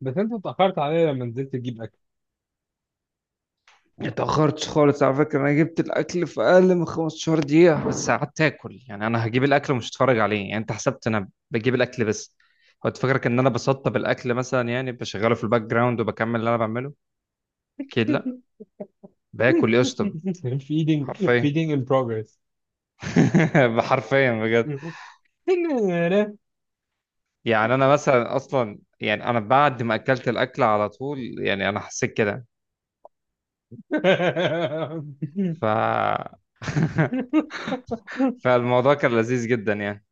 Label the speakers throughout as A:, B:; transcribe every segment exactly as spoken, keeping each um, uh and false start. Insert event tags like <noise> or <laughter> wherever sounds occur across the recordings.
A: بس انت اتأخرت عليا لما نزلت تجيب اكل.
B: اتأخرتش خالص على فكرة، أنا جبت الأكل في أقل من 15 دقيقة، بس قعدت آكل. يعني أنا هجيب الأكل ومش هتفرج عليه. يعني أنت حسبت أنا بجيب الأكل بس، كنت فاكرك إن أنا بسطب الأكل مثلا، يعني بشغله في الباك جراوند وبكمل اللي أنا بعمله. أكيد لأ.
A: <laughs>
B: باكل يا اسطى،
A: feeding
B: حرفيا.
A: feeding in progress.
B: <laughs> حرفيا بجد.
A: <laughs>
B: يعني أنا مثلا أصلا، يعني أنا بعد ما أكلت الأكل على طول، يعني أنا حسيت كده. ف <laughs> فالموضوع كان لذيذ جدا يعني.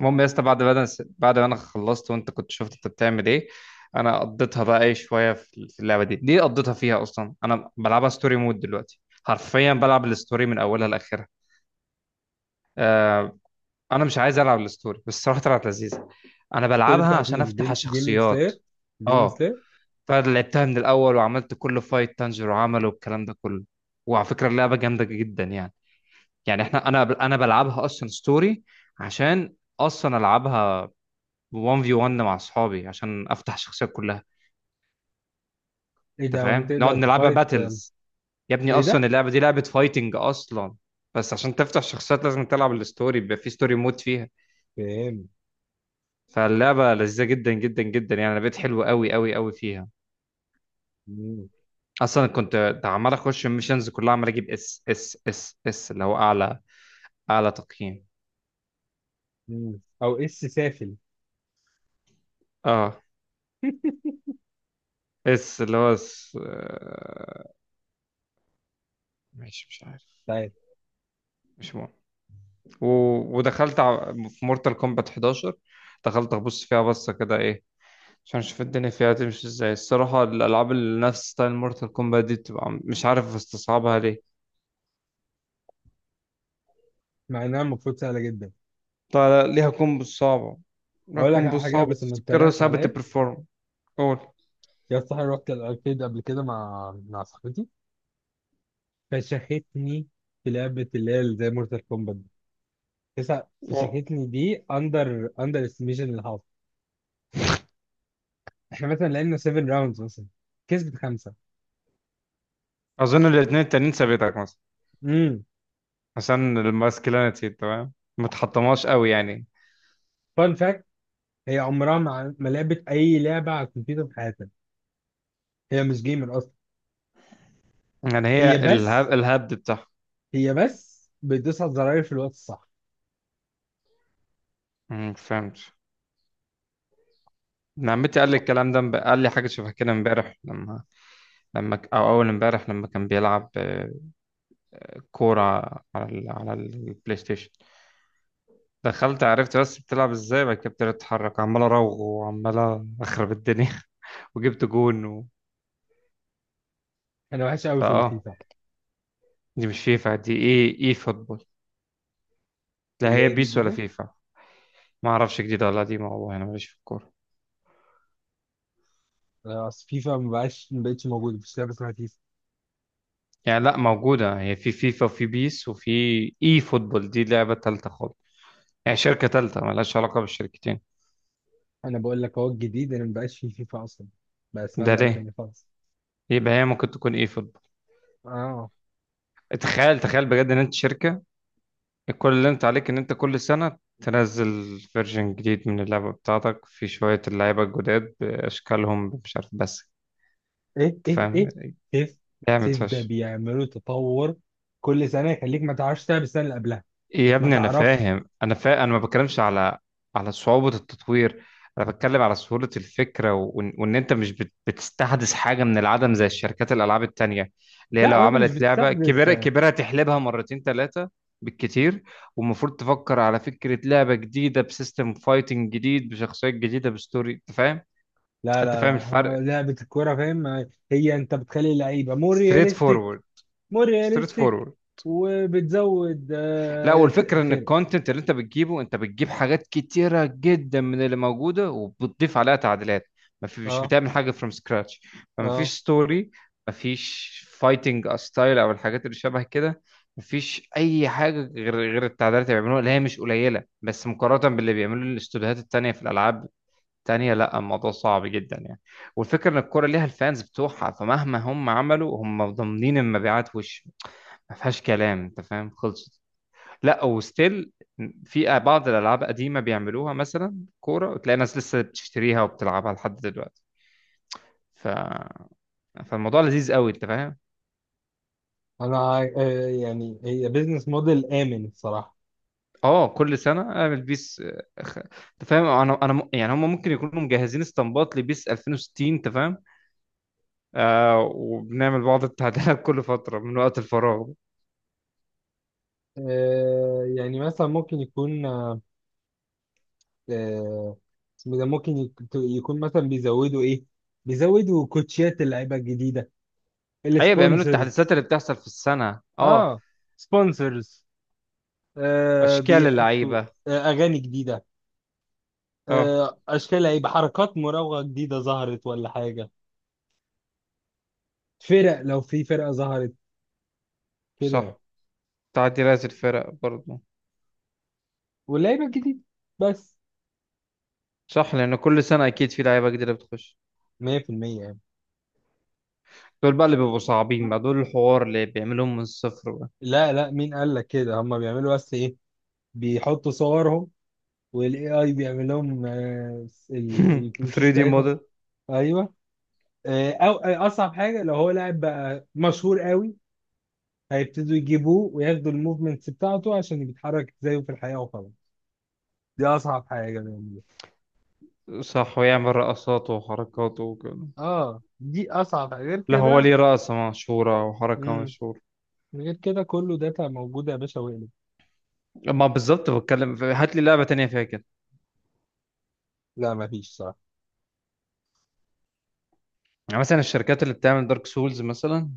B: المهم يا اسطى، بعد ما انا بعد ما انا خلصت، وانت كنت شفت انت بتعمل ايه. انا قضيتها بقى ايه شويه في في اللعبه دي دي، قضيتها فيها. اصلا انا بلعبها ستوري مود دلوقتي، حرفيا بلعب الستوري من اولها لاخرها. آه، انا مش عايز العب الستوري بس، الصراحه طلعت لذيذه. انا
A: الستوري
B: بلعبها
A: بتاعت
B: عشان
A: مين؟
B: افتح
A: جيم- جيمين
B: الشخصيات.
A: سلاير. جيمين
B: اه.
A: سلاير.
B: فلعبتها من الاول وعملت كل فايت تانجير وعمله والكلام ده كله. وعلى فكره اللعبه جامده جدا يعني. يعني احنا انا انا بلعبها اصلا ستوري، عشان اصلا العبها واحد في واحد مع اصحابي عشان افتح الشخصيات كلها.
A: ايه
B: انت
A: ده وانت
B: فاهم؟ نقعد
A: تقدر
B: نلعبها
A: تفايت أم،
B: باتلز. يا ابني
A: ايه
B: اصلا
A: ده؟
B: اللعبه دي لعبه فايتنج اصلا. بس عشان تفتح الشخصيات لازم تلعب الستوري، بيبقى في ستوري مود فيها.
A: فاهم.
B: فاللعبه لذيذه جدا جدا جدا يعني. انا بقيت حلو قوي قوي قوي فيها.
A: مم.
B: اصلا كنت عمال اخش الميشنز كلها، عمال اجيب اس اس اس اس اللي هو اعلى اعلى تقييم.
A: مم. او اس سافل مش
B: اه. اس اللي هو اس. آه، ماشي، مش عارف.
A: عارف.
B: مش مهم. و... ودخلت ع- في مورتال كومبات احداشر. دخلت ابص فيها بصه كده، ايه عشان اشوف الدنيا فيها تمشي ازاي. الصراحة الالعاب اللي نفس ستايل مورتال كومبات دي بتبقى مش عارف استصعبها ليه.
A: مع انها المفروض سهله جدا.
B: طيب، ليها كومبو صعبة. ليها
A: اقول لك
B: كومبو
A: على حاجه
B: صعبة
A: بس ما
B: تفتكرها
A: تتريقش
B: صعبة
A: عليا.
B: تبرفورم. قول.
A: يا صاحبي رحت الاركيد قبل كده مع مع صاحبتي فشختني في لعبه اللي هي زي مورتال كومبات تسع.
B: قول.
A: فشختني دي اندر اندر استيميشن للهاف. احنا مثلا لعبنا سبع راوندز مثلا، كسبت خمسه.
B: اظن الاثنين التانيين ثابتك مثلا،
A: امم
B: عشان الماسكلينيتي تمام ما تحطمهاش قوي يعني.
A: فان فاكت، هي عمرها ما ما لعبت اي لعبه على الكمبيوتر في حياتها. هي مش جيمر اصلا.
B: يعني هي
A: هي بس
B: الهاب الهبد بتاعها.
A: هي بس بتدوس على الزراير في الوقت الصح.
B: أمم، فهمت. ابن عمتي قال لي الكلام ده، امب- قال لي حاجه شبه كده امبارح، لما لما ك- او اول امبارح لما كان بيلعب آه، كوره على ال... على البلاي ستيشن. دخلت عرفت بس بتلعب ازاي، بعد كده ابتديت اتحرك عمال اراوغ وعمال اخرب الدنيا. <laughs> وجبت جون و...
A: انا وحش قوي في
B: فاه.
A: الفيفا،
B: دي مش فيفا، دي ايه ايه فوتبول. لا،
A: اللي
B: هي
A: هي
B: بيس ولا
A: الجديده.
B: فيفا؟ ما اعرفش جديده ولا قديمه، والله انا ماليش في الكوره.
A: آه، اصل فيفا ما بقاش ما بقتش موجوده، مش لعبه اسمها فيفا.
B: يعني لا، موجوده هي في فيفا وفي بيس وفي اي فوتبول. دي لعبه تالته خالص، يعني شركه تالته مالهاش علاقه بالشركتين.
A: انا بقول لك هو الجديد، انا ما بقاش في فيفا اصلا، بقى اسمها
B: ده
A: لعبه
B: ليه؟
A: تانيه خالص.
B: يبقى هي ممكن تكون اي فوتبول.
A: اه.
B: تخيل تخيل بجد ان انت شركه، كل اللي انت عليك ان انت كل سنة تنزل فيرجن جديد من اللعبة بتاعتك، في شوية اللعيبة الجداد بأشكالهم مش عارف بس.
A: ايه
B: انت
A: ايه
B: فاهم؟
A: ايه. سيف
B: لعبة
A: سيف ده
B: فشخ.
A: بيعملوا تطور كل سنه، يخليك ما تعرفش تلعب السنه اللي قبلها.
B: يا
A: ما
B: ابني انا
A: تعرفش.
B: فاهم، انا فا... انا ما بتكلمش على على صعوبة التطوير. انا بتكلم على سهولة الفكرة و... وان وإن انت مش بت... بتستحدث حاجة من العدم زي الشركات الالعاب التانية، اللي هي
A: لا،
B: لو
A: وانت مش
B: عملت لعبة
A: بتستحدث.
B: كبيرة كبيرة تحلبها مرتين ثلاثة بالكتير. والمفروض تفكر على فكرة لعبة جديدة بسيستم فايتنج جديد بشخصيات جديدة بستوري. انت فاهم؟
A: لا
B: انت
A: لا لا،
B: فاهم
A: ها،
B: الفرق؟
A: لعبه الكوره فاهم. هي انت بتخلي اللعيبه مور
B: ستريت
A: رياليستيك.
B: فورورد.
A: مور
B: ستريت
A: رياليستيك.
B: فورورد.
A: وبتزود
B: لا،
A: آه،
B: والفكرة ان
A: فرق.
B: الكونتنت اللي انت بتجيبه، انت بتجيب حاجات كتيرة جدا من اللي موجودة وبتضيف عليها تعديلات. ما في، مش
A: اه
B: بتعمل حاجة فروم سكراتش. فما فيش
A: اه.
B: ستوري، ما فيش فايتنج ستايل او الحاجات اللي شبه كده. ما فيش اي حاجة غير غير التعديلات اللي بيعملوها، اللي هي مش قليلة بس مقارنة باللي بيعملوه الاستوديوهات التانية في الالعاب التانية. لا الموضوع صعب جدا يعني. والفكرة ان الكورة ليها الفانز بتوعها، فمهما هم عملوا هم ضامنين المبيعات. وش ما فيهاش كلام. انت فاهم؟ خلصت. لا، وستيل في بعض الالعاب قديمه بيعملوها مثلا كوره، وتلاقي ناس لسه بتشتريها وبتلعبها لحد دلوقتي. ف... فالموضوع لذيذ قوي. انت فاهم؟
A: انا عاي- آه، يعني هي بيزنس موديل امن الصراحه.
B: اه، كل سنه اعمل بيس. أخ- انت فاهم، انا انا م- يعني هم ممكن يكونوا مجهزين اسطمبات لبيس الفين وستين. انت فاهم؟ آه وبنعمل بعض التعديلات <laughs> كل فتره من وقت الفراغ.
A: آه، يعني مثلا ممكن يكون آه، آه، اسمه ده ممكن يك- يكون مثلا بيزودوا ايه، بيزودوا كوتشيات اللعيبه الجديده،
B: ايوه بيعملوا التحديثات
A: السبونسرز.
B: اللي بتحصل في السنه. اه.
A: اه. سبونسرز. آه
B: اشكال
A: بيحطوا.
B: اللعيبه.
A: آه اغاني جديده.
B: اه
A: آه اشكال لعيبه، حركات مراوغه جديده ظهرت ولا حاجه، فرق لو في فرقه ظهرت، كده.
B: صح. تعديلات الفرق برضه.
A: واللعيبه الجديده بس.
B: صح، لان كل سنه اكيد في لعيبه جديده بتخش.
A: ميه في الميه يعني.
B: دول بقى اللي بيبقوا صعبين بقى، دول الحوار اللي بيعملوهم من الصفر بقى.
A: لا لا، مين قال لك كده؟ هم بيعملوا بس ايه؟ بيحطوا صورهم، والاي اي بيعمل لهم آه، ال-
B: <laughs>
A: الوشوش
B: ثري دي
A: بتاعتهم.
B: موديل.
A: ايوه. آه، او آه، اصعب حاجه لو هو لاعب بقى مشهور قوي هيبتدوا يجيبوه وياخدوا الموفمنتس بتاعته عشان بيتحرك زيه في الحياه وخلاص. دي اصعب حاجه بيعملوها.
B: صح، ويعمل رقصات وحركات وكده.
A: اه، دي اصعب حاجه غير
B: لا هو
A: كده.
B: ليه رقصة مشهورة وحركة
A: امم
B: مشهورة.
A: غير كده كله داتا موجوده يا باشا وقلب.
B: ما بالظبط، بتكلم في- هات لي لعبة تانية فيها كده.
A: لا مفيش صراحه.
B: يعني مثلا الشركات اللي بتعمل دارك سولز مثلا.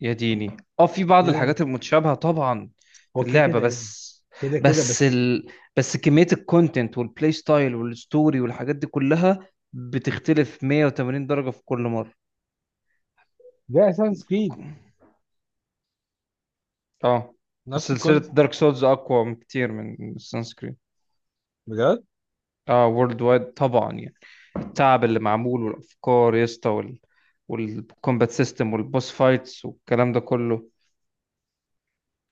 B: يا ديني اه، في بعض
A: يا لا.
B: الحاجات المتشابهة طبعا في
A: هو كده
B: اللعبة
A: كده يا ابني،
B: بس.
A: كده كده
B: بس
A: بس.
B: ال... بس كمية الكونتنت والبلاي ستايل والستوري والحاجات دي كلها بتختلف 180 درجة في كل
A: ده اساس كريد،
B: مرة. اه. بس
A: نفس
B: سلسلة
A: الكونسيبت.
B: دارك سولز أقوى بكتير من السانسكرين.
A: بجد
B: اه، وورلد وايد طبعا يعني. التعب اللي معمول والأفكار يا اسطى، وال... والكومبات سيستم والبوس فايتس والكلام ده كله.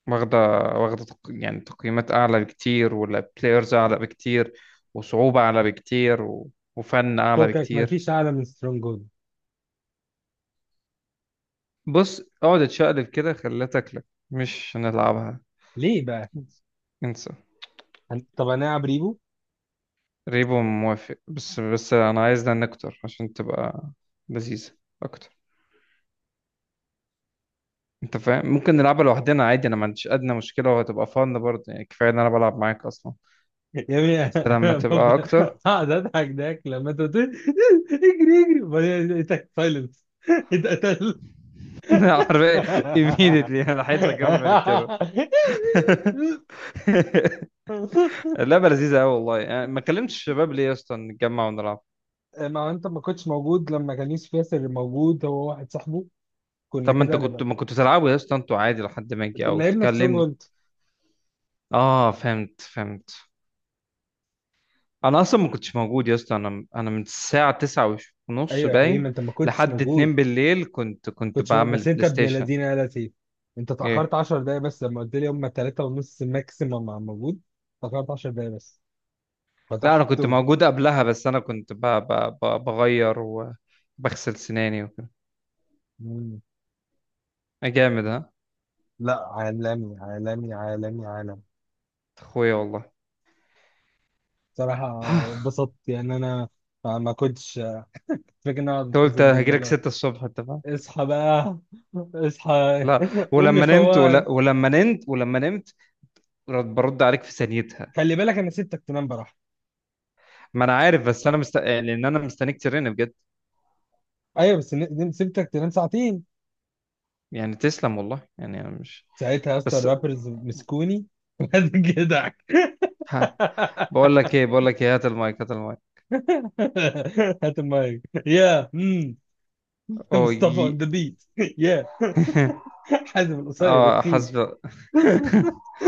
B: واخدة واخدة تق... يعني تقييمات أعلى بكتير، والبلايرز أعلى بكتير، وصعوبة أعلى بكتير، و... وفن أعلى
A: فكك
B: بكتير.
A: مفيش اعلى من سترونج هولد.
B: بص اقعد اتشقلب كده خليها تاكلك. مش هنلعبها.
A: ليه بقى؟
B: انسى.
A: هن- طب هنلعب ريبو.
B: ريبو موافق، بس بس انا عايز نان اكتر عشان تبقى لذيذة اكتر. انت فاهم؟ ممكن نلعبها لوحدنا عادي، انا ما عنديش ادنى مشكلة، وهتبقى فن برضه يعني. كفاية ان انا بلعب معاك اصلا.
A: يا ابني
B: بس لما
A: <laughs> بابا.
B: تبقى اكتر.
A: هقعد اضحك ضحك لما انت قلت لي <laughs> اجري، اجري، وبعدين لقيتك سايلنس، اتقتل.
B: <laughs> عارف. immediately انا عايز اكمل كده.
A: <laughs>
B: <laughs> اللعبة لذيذة قوي والله يعني. ما كلمتش الشباب ليه يا اسطى نتجمع ونلعب؟
A: ما هو انت ما كنتش موجود لما كان يوسف ياسر موجود هو واحد صاحبه، كنا
B: طب ما انت
A: كده
B: كنت
A: نبقى.
B: ما كنت تلعبوا يا اسطى انتوا عادي لحد ما اجي او
A: كنا لعبنا سترونج
B: تكلمني.
A: هولد.
B: اه، فهمت فهمت. انا اصلا ما كنتش موجود يا اسطى، انا انا من الساعه تسعة ونص
A: ايوه يا حبيبي، ما
B: باين
A: انت ما كنتش
B: لحد
A: موجود،
B: اتنين بالليل، كنت كنت
A: كنتش موجود.
B: بعمل
A: بس انت
B: بلاي
A: ابن
B: ستيشن.
A: الذين يا لطيف، انت اتاخرت
B: ايه؟
A: 10 دقايق بس لما قلت لي هم تلاته ونص ماكسيمم موجود. اتاخرت 10 دقايق بس
B: لا انا كنت
A: فتحته.
B: موجود قبلها، بس انا كنت ب... ب... ب... بغير وبغسل سناني وكده. آه، جامد ها.
A: لا، عالمي عالمي عالمي عالمي،
B: اخويا والله.
A: صراحة
B: <sighs>
A: اتبسطت يعني أنا. ما ما كنتش فاكر إن أنا
B: انت قلت
A: أتصل بيك بقى
B: هجيلك
A: لا.
B: ستة الصبح انت فاهم.
A: اصحى بقى، اصحى.
B: لا،
A: <laughs> قوم يا
B: ولما نمت
A: فواز.
B: ولا... ولما نمت ولما نمت رد- برد عليك في ثانيتها.
A: خلي بالك أنا سبتك تنام براحة.
B: ما انا عارف، بس انا مست... لان انا مستنيك ترن بجد.
A: أيوة بس ن- سبتك تنام ساعتين.
B: يعني تسلم والله يعني. انا مش.
A: ساعتها يا اسطى
B: بس.
A: الرابرز مسكوني <laughs> وقعدت جدعك.
B: ها. بقول لك ايه، بقول لك ايه، هات المايك هات المايك.
A: <laughs> هات المايك يا مم.
B: اوه
A: مصطفى
B: يي.
A: اون ذا بيت <laughs> يا
B: <laughs>
A: حازم القصير
B: اه
A: تخين.
B: حسب.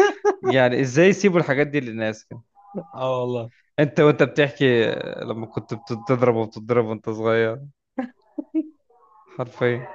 B: <laughs> يعني ازاي يسيبوا الحاجات دي للناس كده!
A: اه والله.
B: انت وانت بتحكي، لما كنت بتضرب وبتضرب وانت صغير، حرفيا.